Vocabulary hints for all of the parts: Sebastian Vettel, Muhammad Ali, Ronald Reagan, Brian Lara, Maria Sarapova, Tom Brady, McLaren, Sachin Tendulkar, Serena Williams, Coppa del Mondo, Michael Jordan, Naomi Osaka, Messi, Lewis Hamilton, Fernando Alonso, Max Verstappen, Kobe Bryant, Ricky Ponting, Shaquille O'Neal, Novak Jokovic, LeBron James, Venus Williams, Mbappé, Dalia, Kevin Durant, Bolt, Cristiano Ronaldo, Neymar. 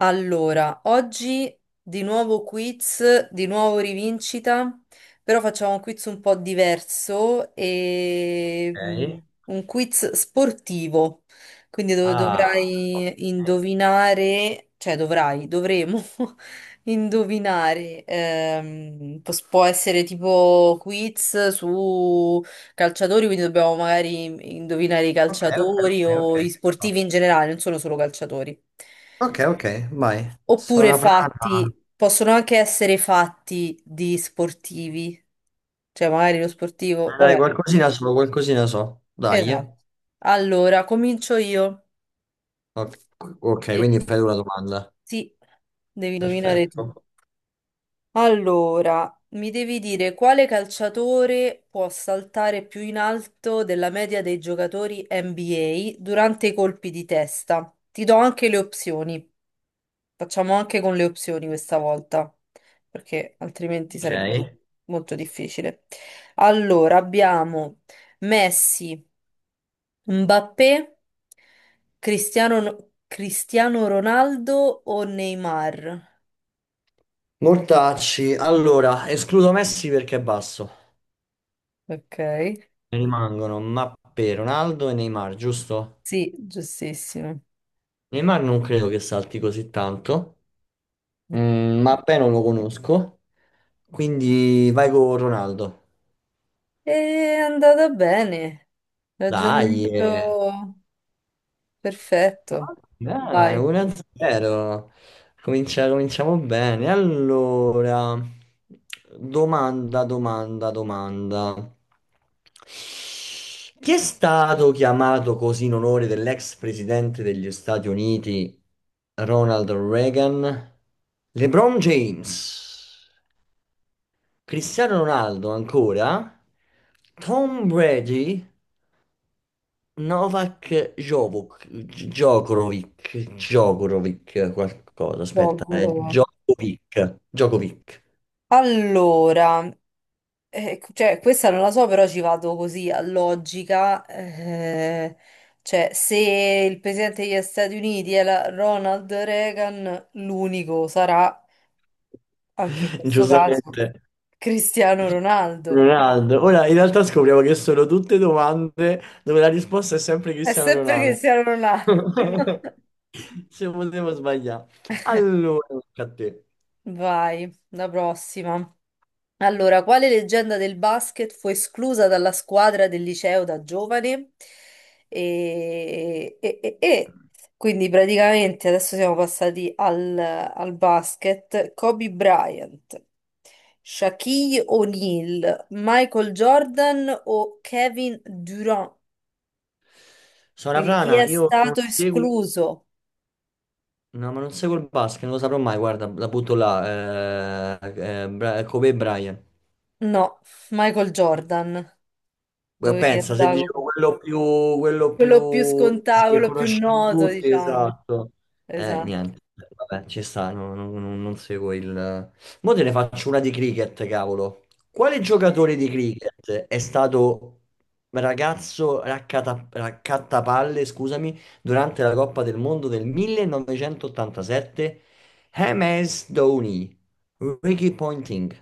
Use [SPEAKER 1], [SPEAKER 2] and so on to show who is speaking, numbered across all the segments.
[SPEAKER 1] Allora, oggi di nuovo quiz, di nuovo rivincita, però facciamo un quiz un po' diverso
[SPEAKER 2] Ok.
[SPEAKER 1] un quiz sportivo. Quindi
[SPEAKER 2] Ah,
[SPEAKER 1] dovrai indovinare, cioè dovrai, dovremo indovinare. Può essere tipo quiz su calciatori, quindi dobbiamo magari indovinare i
[SPEAKER 2] ok, ok,
[SPEAKER 1] calciatori
[SPEAKER 2] ok, ok.
[SPEAKER 1] o i
[SPEAKER 2] So.
[SPEAKER 1] sportivi in generale, non sono solo calciatori.
[SPEAKER 2] Ok, ok, vai.
[SPEAKER 1] Oppure
[SPEAKER 2] Sono frana.
[SPEAKER 1] fatti, possono anche essere fatti di sportivi, cioè magari lo sportivo,
[SPEAKER 2] Dai,
[SPEAKER 1] vabbè,
[SPEAKER 2] qualcosina so, qualcosina so. Dai, eh.
[SPEAKER 1] esatto. Allora, comincio io.
[SPEAKER 2] O- Ok,
[SPEAKER 1] E
[SPEAKER 2] quindi fai tu la domanda.
[SPEAKER 1] sì, devi indovinare tu.
[SPEAKER 2] Perfetto.
[SPEAKER 1] Allora, mi devi dire quale calciatore può saltare più in alto della media dei giocatori NBA durante i colpi di testa. Ti do anche le opzioni. Facciamo anche con le opzioni questa volta, perché altrimenti
[SPEAKER 2] Ok.
[SPEAKER 1] sarebbe molto difficile. Allora, abbiamo Messi, Mbappé, Cristiano Ronaldo o Neymar?
[SPEAKER 2] Mortacci. Allora, escludo Messi perché è basso.
[SPEAKER 1] Ok,
[SPEAKER 2] Ne rimangono Mbappé, Ronaldo e Neymar, giusto?
[SPEAKER 1] sì, giustissimo.
[SPEAKER 2] Neymar non credo che salti così tanto. Mm, Mbappé non lo conosco. Quindi vai con Ronaldo.
[SPEAKER 1] È andata bene,
[SPEAKER 2] Dai, eh.
[SPEAKER 1] ragionamento perfetto.
[SPEAKER 2] Ok, dai,
[SPEAKER 1] Vai,
[SPEAKER 2] 1-0. Cominciamo bene. Allora, domanda, domanda, domanda. Chi è stato chiamato così in onore dell'ex presidente degli Stati Uniti, Ronald Reagan? LeBron James, Cristiano Ronaldo ancora, Tom Brady, Novak Jovic, Djokovic, Djokovic, qualcosa, aspetta, è
[SPEAKER 1] gioco.
[SPEAKER 2] Djokovic, Djokovic,
[SPEAKER 1] Allora. Ecco, cioè, questa non la so, però ci vado così a logica. Eh, cioè, se il presidente degli Stati Uniti è Ronald Reagan, l'unico sarà, anche in questo caso,
[SPEAKER 2] giustamente,
[SPEAKER 1] Cristiano Ronaldo.
[SPEAKER 2] Ronaldo. Ora, in realtà scopriamo che sono tutte domande dove la risposta è sempre
[SPEAKER 1] È
[SPEAKER 2] Cristiano
[SPEAKER 1] sempre
[SPEAKER 2] Ronaldo.
[SPEAKER 1] Cristiano Ronaldo.
[SPEAKER 2] Se potevo sbagliare. Allora, tocca a te.
[SPEAKER 1] Vai, la prossima. Allora, quale leggenda del basket fu esclusa dalla squadra del liceo da giovane? E, e- e- e- quindi praticamente adesso siamo passati al basket. Kobe Bryant, Shaquille O'Neal, Michael Jordan o Kevin Durant?
[SPEAKER 2] Sono
[SPEAKER 1] Quindi chi
[SPEAKER 2] frana,
[SPEAKER 1] è
[SPEAKER 2] io non
[SPEAKER 1] stato
[SPEAKER 2] seguo,
[SPEAKER 1] escluso?
[SPEAKER 2] no, ma non seguo il basket, non lo saprò mai, guarda, la butto là, Kobe Bryant.
[SPEAKER 1] No, Michael Jordan. Dovevi
[SPEAKER 2] Pensa, se
[SPEAKER 1] andare con
[SPEAKER 2] dicevo quello più, quello
[SPEAKER 1] quello più
[SPEAKER 2] più
[SPEAKER 1] scontato,
[SPEAKER 2] che
[SPEAKER 1] quello più
[SPEAKER 2] conosciamo
[SPEAKER 1] noto,
[SPEAKER 2] tutti,
[SPEAKER 1] diciamo.
[SPEAKER 2] esatto.
[SPEAKER 1] Esatto.
[SPEAKER 2] Niente, vabbè, ci sta, non seguo il... Mo te ne faccio una di cricket, cavolo. Quale giocatore di cricket è stato ragazzo raccattapalle, scusami, durante la Coppa del Mondo del 1987? James Dhoni, Ricky Ponting,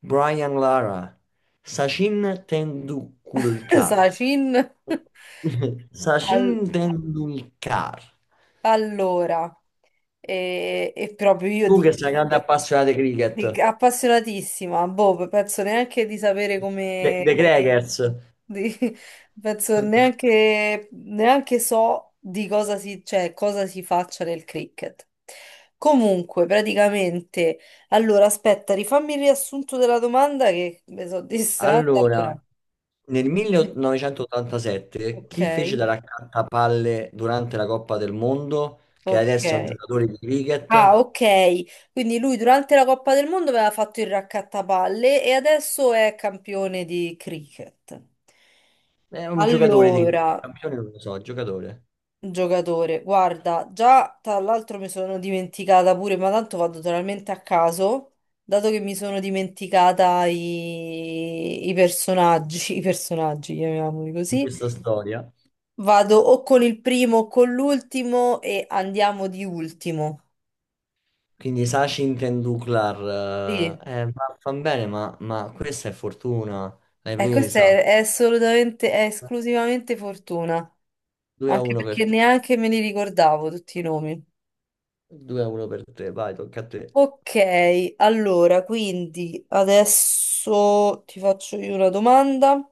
[SPEAKER 2] Brian Lara. Sachin Tendulkar.
[SPEAKER 1] Sacin.
[SPEAKER 2] Sachin
[SPEAKER 1] Al-
[SPEAKER 2] Tendulkar.
[SPEAKER 1] allora, e proprio io
[SPEAKER 2] Tu che sei grande appassionato di cricket,
[SPEAKER 1] appassionatissima, boh, penso neanche di sapere
[SPEAKER 2] dei Crackers.
[SPEAKER 1] di- penso neanche so di cosa cioè, cosa si faccia nel cricket. Comunque, praticamente, allora aspetta, rifammi il riassunto della domanda che mi sono distratta.
[SPEAKER 2] Allora,
[SPEAKER 1] Allora,
[SPEAKER 2] nel 1987,
[SPEAKER 1] ok,
[SPEAKER 2] chi fece da raccattapalle durante la Coppa del Mondo, che adesso è un
[SPEAKER 1] ok.
[SPEAKER 2] giocatore di
[SPEAKER 1] Ah,
[SPEAKER 2] cricket?
[SPEAKER 1] ok. Quindi lui durante la Coppa del Mondo aveva fatto il raccattapalle e adesso è campione di cricket.
[SPEAKER 2] È un giocatore di
[SPEAKER 1] Allora,
[SPEAKER 2] cricket, campione non lo so, giocatore
[SPEAKER 1] giocatore, guarda, già tra l'altro mi sono dimenticata pure, ma tanto vado totalmente a caso, dato che mi sono dimenticata i personaggi, i personaggi, chiamiamoli
[SPEAKER 2] in
[SPEAKER 1] così.
[SPEAKER 2] questa storia.
[SPEAKER 1] Vado o con il primo o con l'ultimo e andiamo di ultimo.
[SPEAKER 2] Quindi Sachin Tendulkar,
[SPEAKER 1] Sì.
[SPEAKER 2] ma fa bene, ma questa è fortuna, l'hai
[SPEAKER 1] Questa
[SPEAKER 2] presa.
[SPEAKER 1] è assolutamente, è esclusivamente fortuna,
[SPEAKER 2] 2 a
[SPEAKER 1] anche
[SPEAKER 2] 1 per
[SPEAKER 1] perché
[SPEAKER 2] te,
[SPEAKER 1] neanche me li ricordavo tutti i nomi.
[SPEAKER 2] 2-1 per te, vai, tocca a te.
[SPEAKER 1] Ok, allora, quindi adesso ti faccio io una domanda.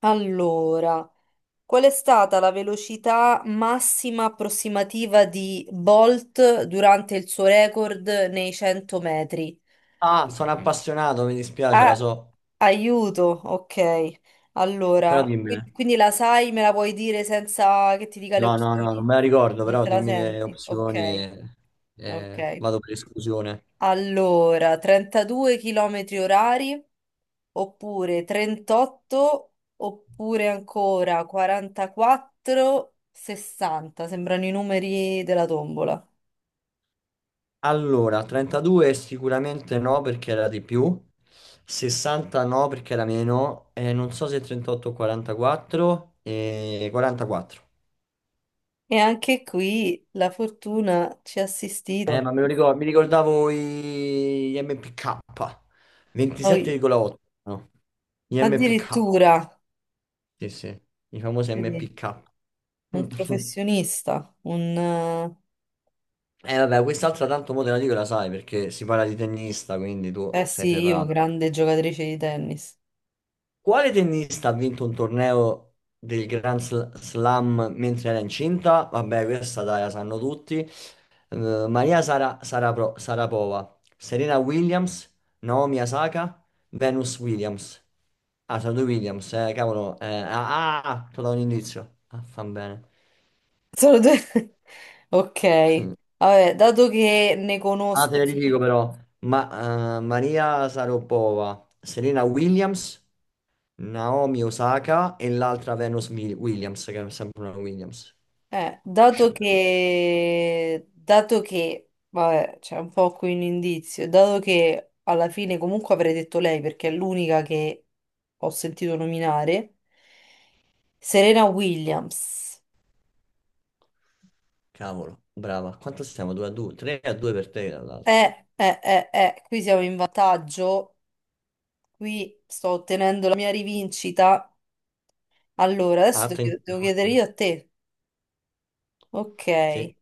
[SPEAKER 1] Allora, qual è stata la velocità massima approssimativa di Bolt durante il suo record nei 100 metri?
[SPEAKER 2] Ah, sono appassionato, mi dispiace, la
[SPEAKER 1] Ah,
[SPEAKER 2] so,
[SPEAKER 1] aiuto, ok.
[SPEAKER 2] però
[SPEAKER 1] Allora,
[SPEAKER 2] dimmene.
[SPEAKER 1] quindi la sai, me la puoi dire senza che ti dica le
[SPEAKER 2] No, no, no, non
[SPEAKER 1] opzioni?
[SPEAKER 2] me la ricordo,
[SPEAKER 1] Non
[SPEAKER 2] però
[SPEAKER 1] te la
[SPEAKER 2] dimmi le
[SPEAKER 1] senti?
[SPEAKER 2] opzioni
[SPEAKER 1] Ok,
[SPEAKER 2] e
[SPEAKER 1] ok.
[SPEAKER 2] vado per esclusione.
[SPEAKER 1] Allora, 32 km orari, oppure 38, oppure ancora 44, 60. Sembrano i numeri della tombola.
[SPEAKER 2] Allora, 32 sicuramente no perché era di più, 60 no perché era meno, non so se 38 o 44, e 44.
[SPEAKER 1] E anche qui la fortuna ci ha assistito.
[SPEAKER 2] Ma me lo ricordo, mi ricordavo gli MPK,
[SPEAKER 1] Oh,
[SPEAKER 2] 27,8, no? Gli MPK,
[SPEAKER 1] addirittura,
[SPEAKER 2] sì, sì, i famosi
[SPEAKER 1] vedi.
[SPEAKER 2] MPK.
[SPEAKER 1] Un professionista, un...
[SPEAKER 2] E vabbè, quest'altra tanto mo te la dico e la sai perché si parla di tennista, quindi tu
[SPEAKER 1] eh
[SPEAKER 2] sei
[SPEAKER 1] sì, io,
[SPEAKER 2] ferrato.
[SPEAKER 1] grande giocatrice di tennis.
[SPEAKER 2] Quale tennista ha vinto un torneo del Slam mentre era incinta? Vabbè, questa dai, la sanno tutti. Maria Sarapova, Serena Williams, Naomi Osaka, Venus Williams. Ah, sono due Williams, cavolo. Eh, ah, ah, ah, ti ho dato un indizio. Ah, fan bene.
[SPEAKER 1] Solo due. Ok.
[SPEAKER 2] Sì.
[SPEAKER 1] Vabbè, dato che ne
[SPEAKER 2] Ah,
[SPEAKER 1] conosco...
[SPEAKER 2] te le ridico però. Ma, Maria Sarapova, Serena Williams, Naomi Osaka e l'altra Venus Williams, che è sempre una Williams.
[SPEAKER 1] Dato
[SPEAKER 2] Sciacca qui.
[SPEAKER 1] che... Dato che... Vabbè, c'è un po' qui un indizio. Dato che alla fine comunque avrei detto lei, perché è l'unica che ho sentito nominare, Serena Williams.
[SPEAKER 2] Cavolo, brava. Quanto stiamo? 2-2? 3-2 per te, tra l'altro.
[SPEAKER 1] Qui siamo in vantaggio. Qui sto ottenendo la mia rivincita. Allora,
[SPEAKER 2] Ah,
[SPEAKER 1] adesso devo devo chiedere
[SPEAKER 2] attenzione.
[SPEAKER 1] io a te. Ok.
[SPEAKER 2] Sì.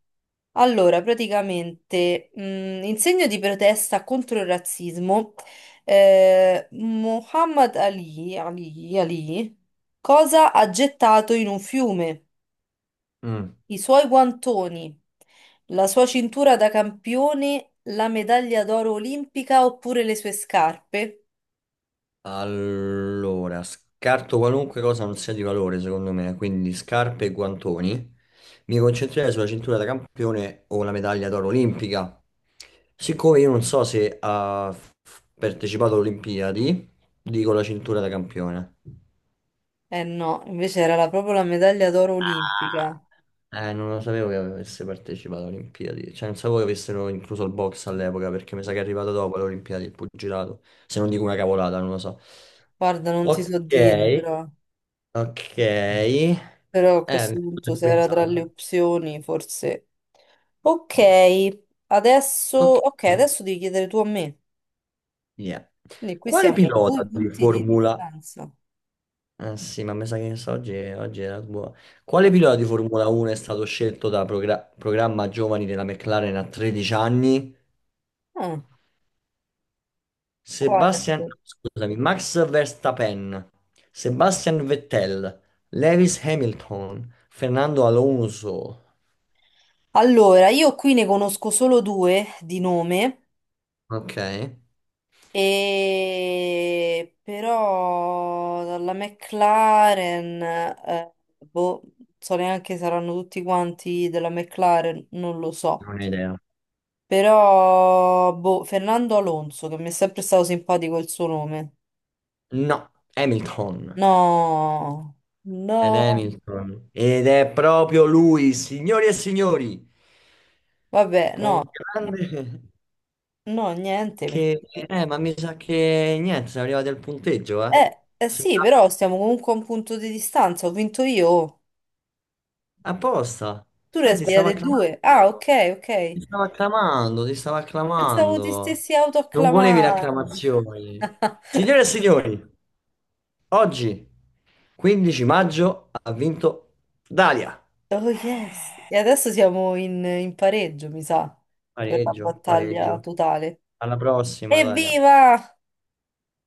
[SPEAKER 1] Allora, praticamente, in segno di protesta contro il razzismo, Muhammad Ali, cosa ha gettato in un fiume?
[SPEAKER 2] Mm.
[SPEAKER 1] I suoi guantoni, la sua cintura da campione, la medaglia d'oro olimpica oppure le sue scarpe?
[SPEAKER 2] Allora, scarto qualunque cosa non sia di valore, secondo me, quindi scarpe e guantoni. Mi concentrerei sulla cintura da campione o la medaglia d'oro olimpica. Siccome io non so se ha partecipato alle Olimpiadi, dico la cintura da campione.
[SPEAKER 1] Eh no, invece era proprio la medaglia d'oro olimpica.
[SPEAKER 2] Non lo sapevo che avesse partecipato alle Olimpiadi, cioè non sapevo che avessero incluso il box all'epoca, perché mi sa che è arrivato dopo alle Olimpiadi il pugilato, se non dico una cavolata, non lo so.
[SPEAKER 1] Guarda, non ti
[SPEAKER 2] Ok,
[SPEAKER 1] so dire, però,
[SPEAKER 2] ok.
[SPEAKER 1] però a questo
[SPEAKER 2] Scusa,
[SPEAKER 1] punto se era
[SPEAKER 2] questa
[SPEAKER 1] tra le
[SPEAKER 2] la...
[SPEAKER 1] opzioni, forse. Ok,
[SPEAKER 2] Ok.
[SPEAKER 1] ok, adesso devi chiedere tu a me.
[SPEAKER 2] Yeah.
[SPEAKER 1] Quindi qui
[SPEAKER 2] Quale
[SPEAKER 1] siamo a
[SPEAKER 2] pilota
[SPEAKER 1] due
[SPEAKER 2] di
[SPEAKER 1] punti di
[SPEAKER 2] Formula...
[SPEAKER 1] distanza.
[SPEAKER 2] Ah sì, ma mi sa che so, oggi, oggi era buona. Quale pilota di Formula 1 è stato scelto da programma giovani della McLaren a 13 anni?
[SPEAKER 1] Ah, quale?
[SPEAKER 2] Sebastian, no, scusami, Max Verstappen, Sebastian Vettel, Lewis Hamilton, Fernando Alonso.
[SPEAKER 1] Allora, io qui ne conosco solo due di nome,
[SPEAKER 2] Ok,
[SPEAKER 1] e... però dalla McLaren, boh, non so neanche se saranno tutti quanti della McLaren, non lo so.
[SPEAKER 2] non ho idea.
[SPEAKER 1] Però, boh, Fernando Alonso, che mi è sempre stato simpatico il suo nome.
[SPEAKER 2] No, Hamilton.
[SPEAKER 1] No,
[SPEAKER 2] Ed
[SPEAKER 1] no,
[SPEAKER 2] Hamilton. Ed è proprio lui, signori e signori,
[SPEAKER 1] vabbè,
[SPEAKER 2] con grande...
[SPEAKER 1] no, niente. Perché...
[SPEAKER 2] Che... ma mi sa che niente, siamo arrivati al punteggio, eh?
[SPEAKER 1] Eh
[SPEAKER 2] Sì.
[SPEAKER 1] sì, però stiamo comunque a un punto di distanza. Ho vinto io.
[SPEAKER 2] Apposta.
[SPEAKER 1] Tu ne hai
[SPEAKER 2] Ti stavo
[SPEAKER 1] sbagliate due. Ah,
[SPEAKER 2] acclamando.
[SPEAKER 1] ok, ok.
[SPEAKER 2] Ti stavo acclamando, ti stavo
[SPEAKER 1] Pensavo ti
[SPEAKER 2] acclamando.
[SPEAKER 1] stessi
[SPEAKER 2] Non volevi le
[SPEAKER 1] autoacclamando.
[SPEAKER 2] acclamazioni. Signore e signori, oggi, 15 maggio, ha vinto Dalia.
[SPEAKER 1] Oh
[SPEAKER 2] Eh,
[SPEAKER 1] yes. E adesso siamo in pareggio, mi sa, per la
[SPEAKER 2] Pareggio,
[SPEAKER 1] battaglia
[SPEAKER 2] pareggio.
[SPEAKER 1] totale.
[SPEAKER 2] Alla prossima, Dalia.
[SPEAKER 1] Evviva!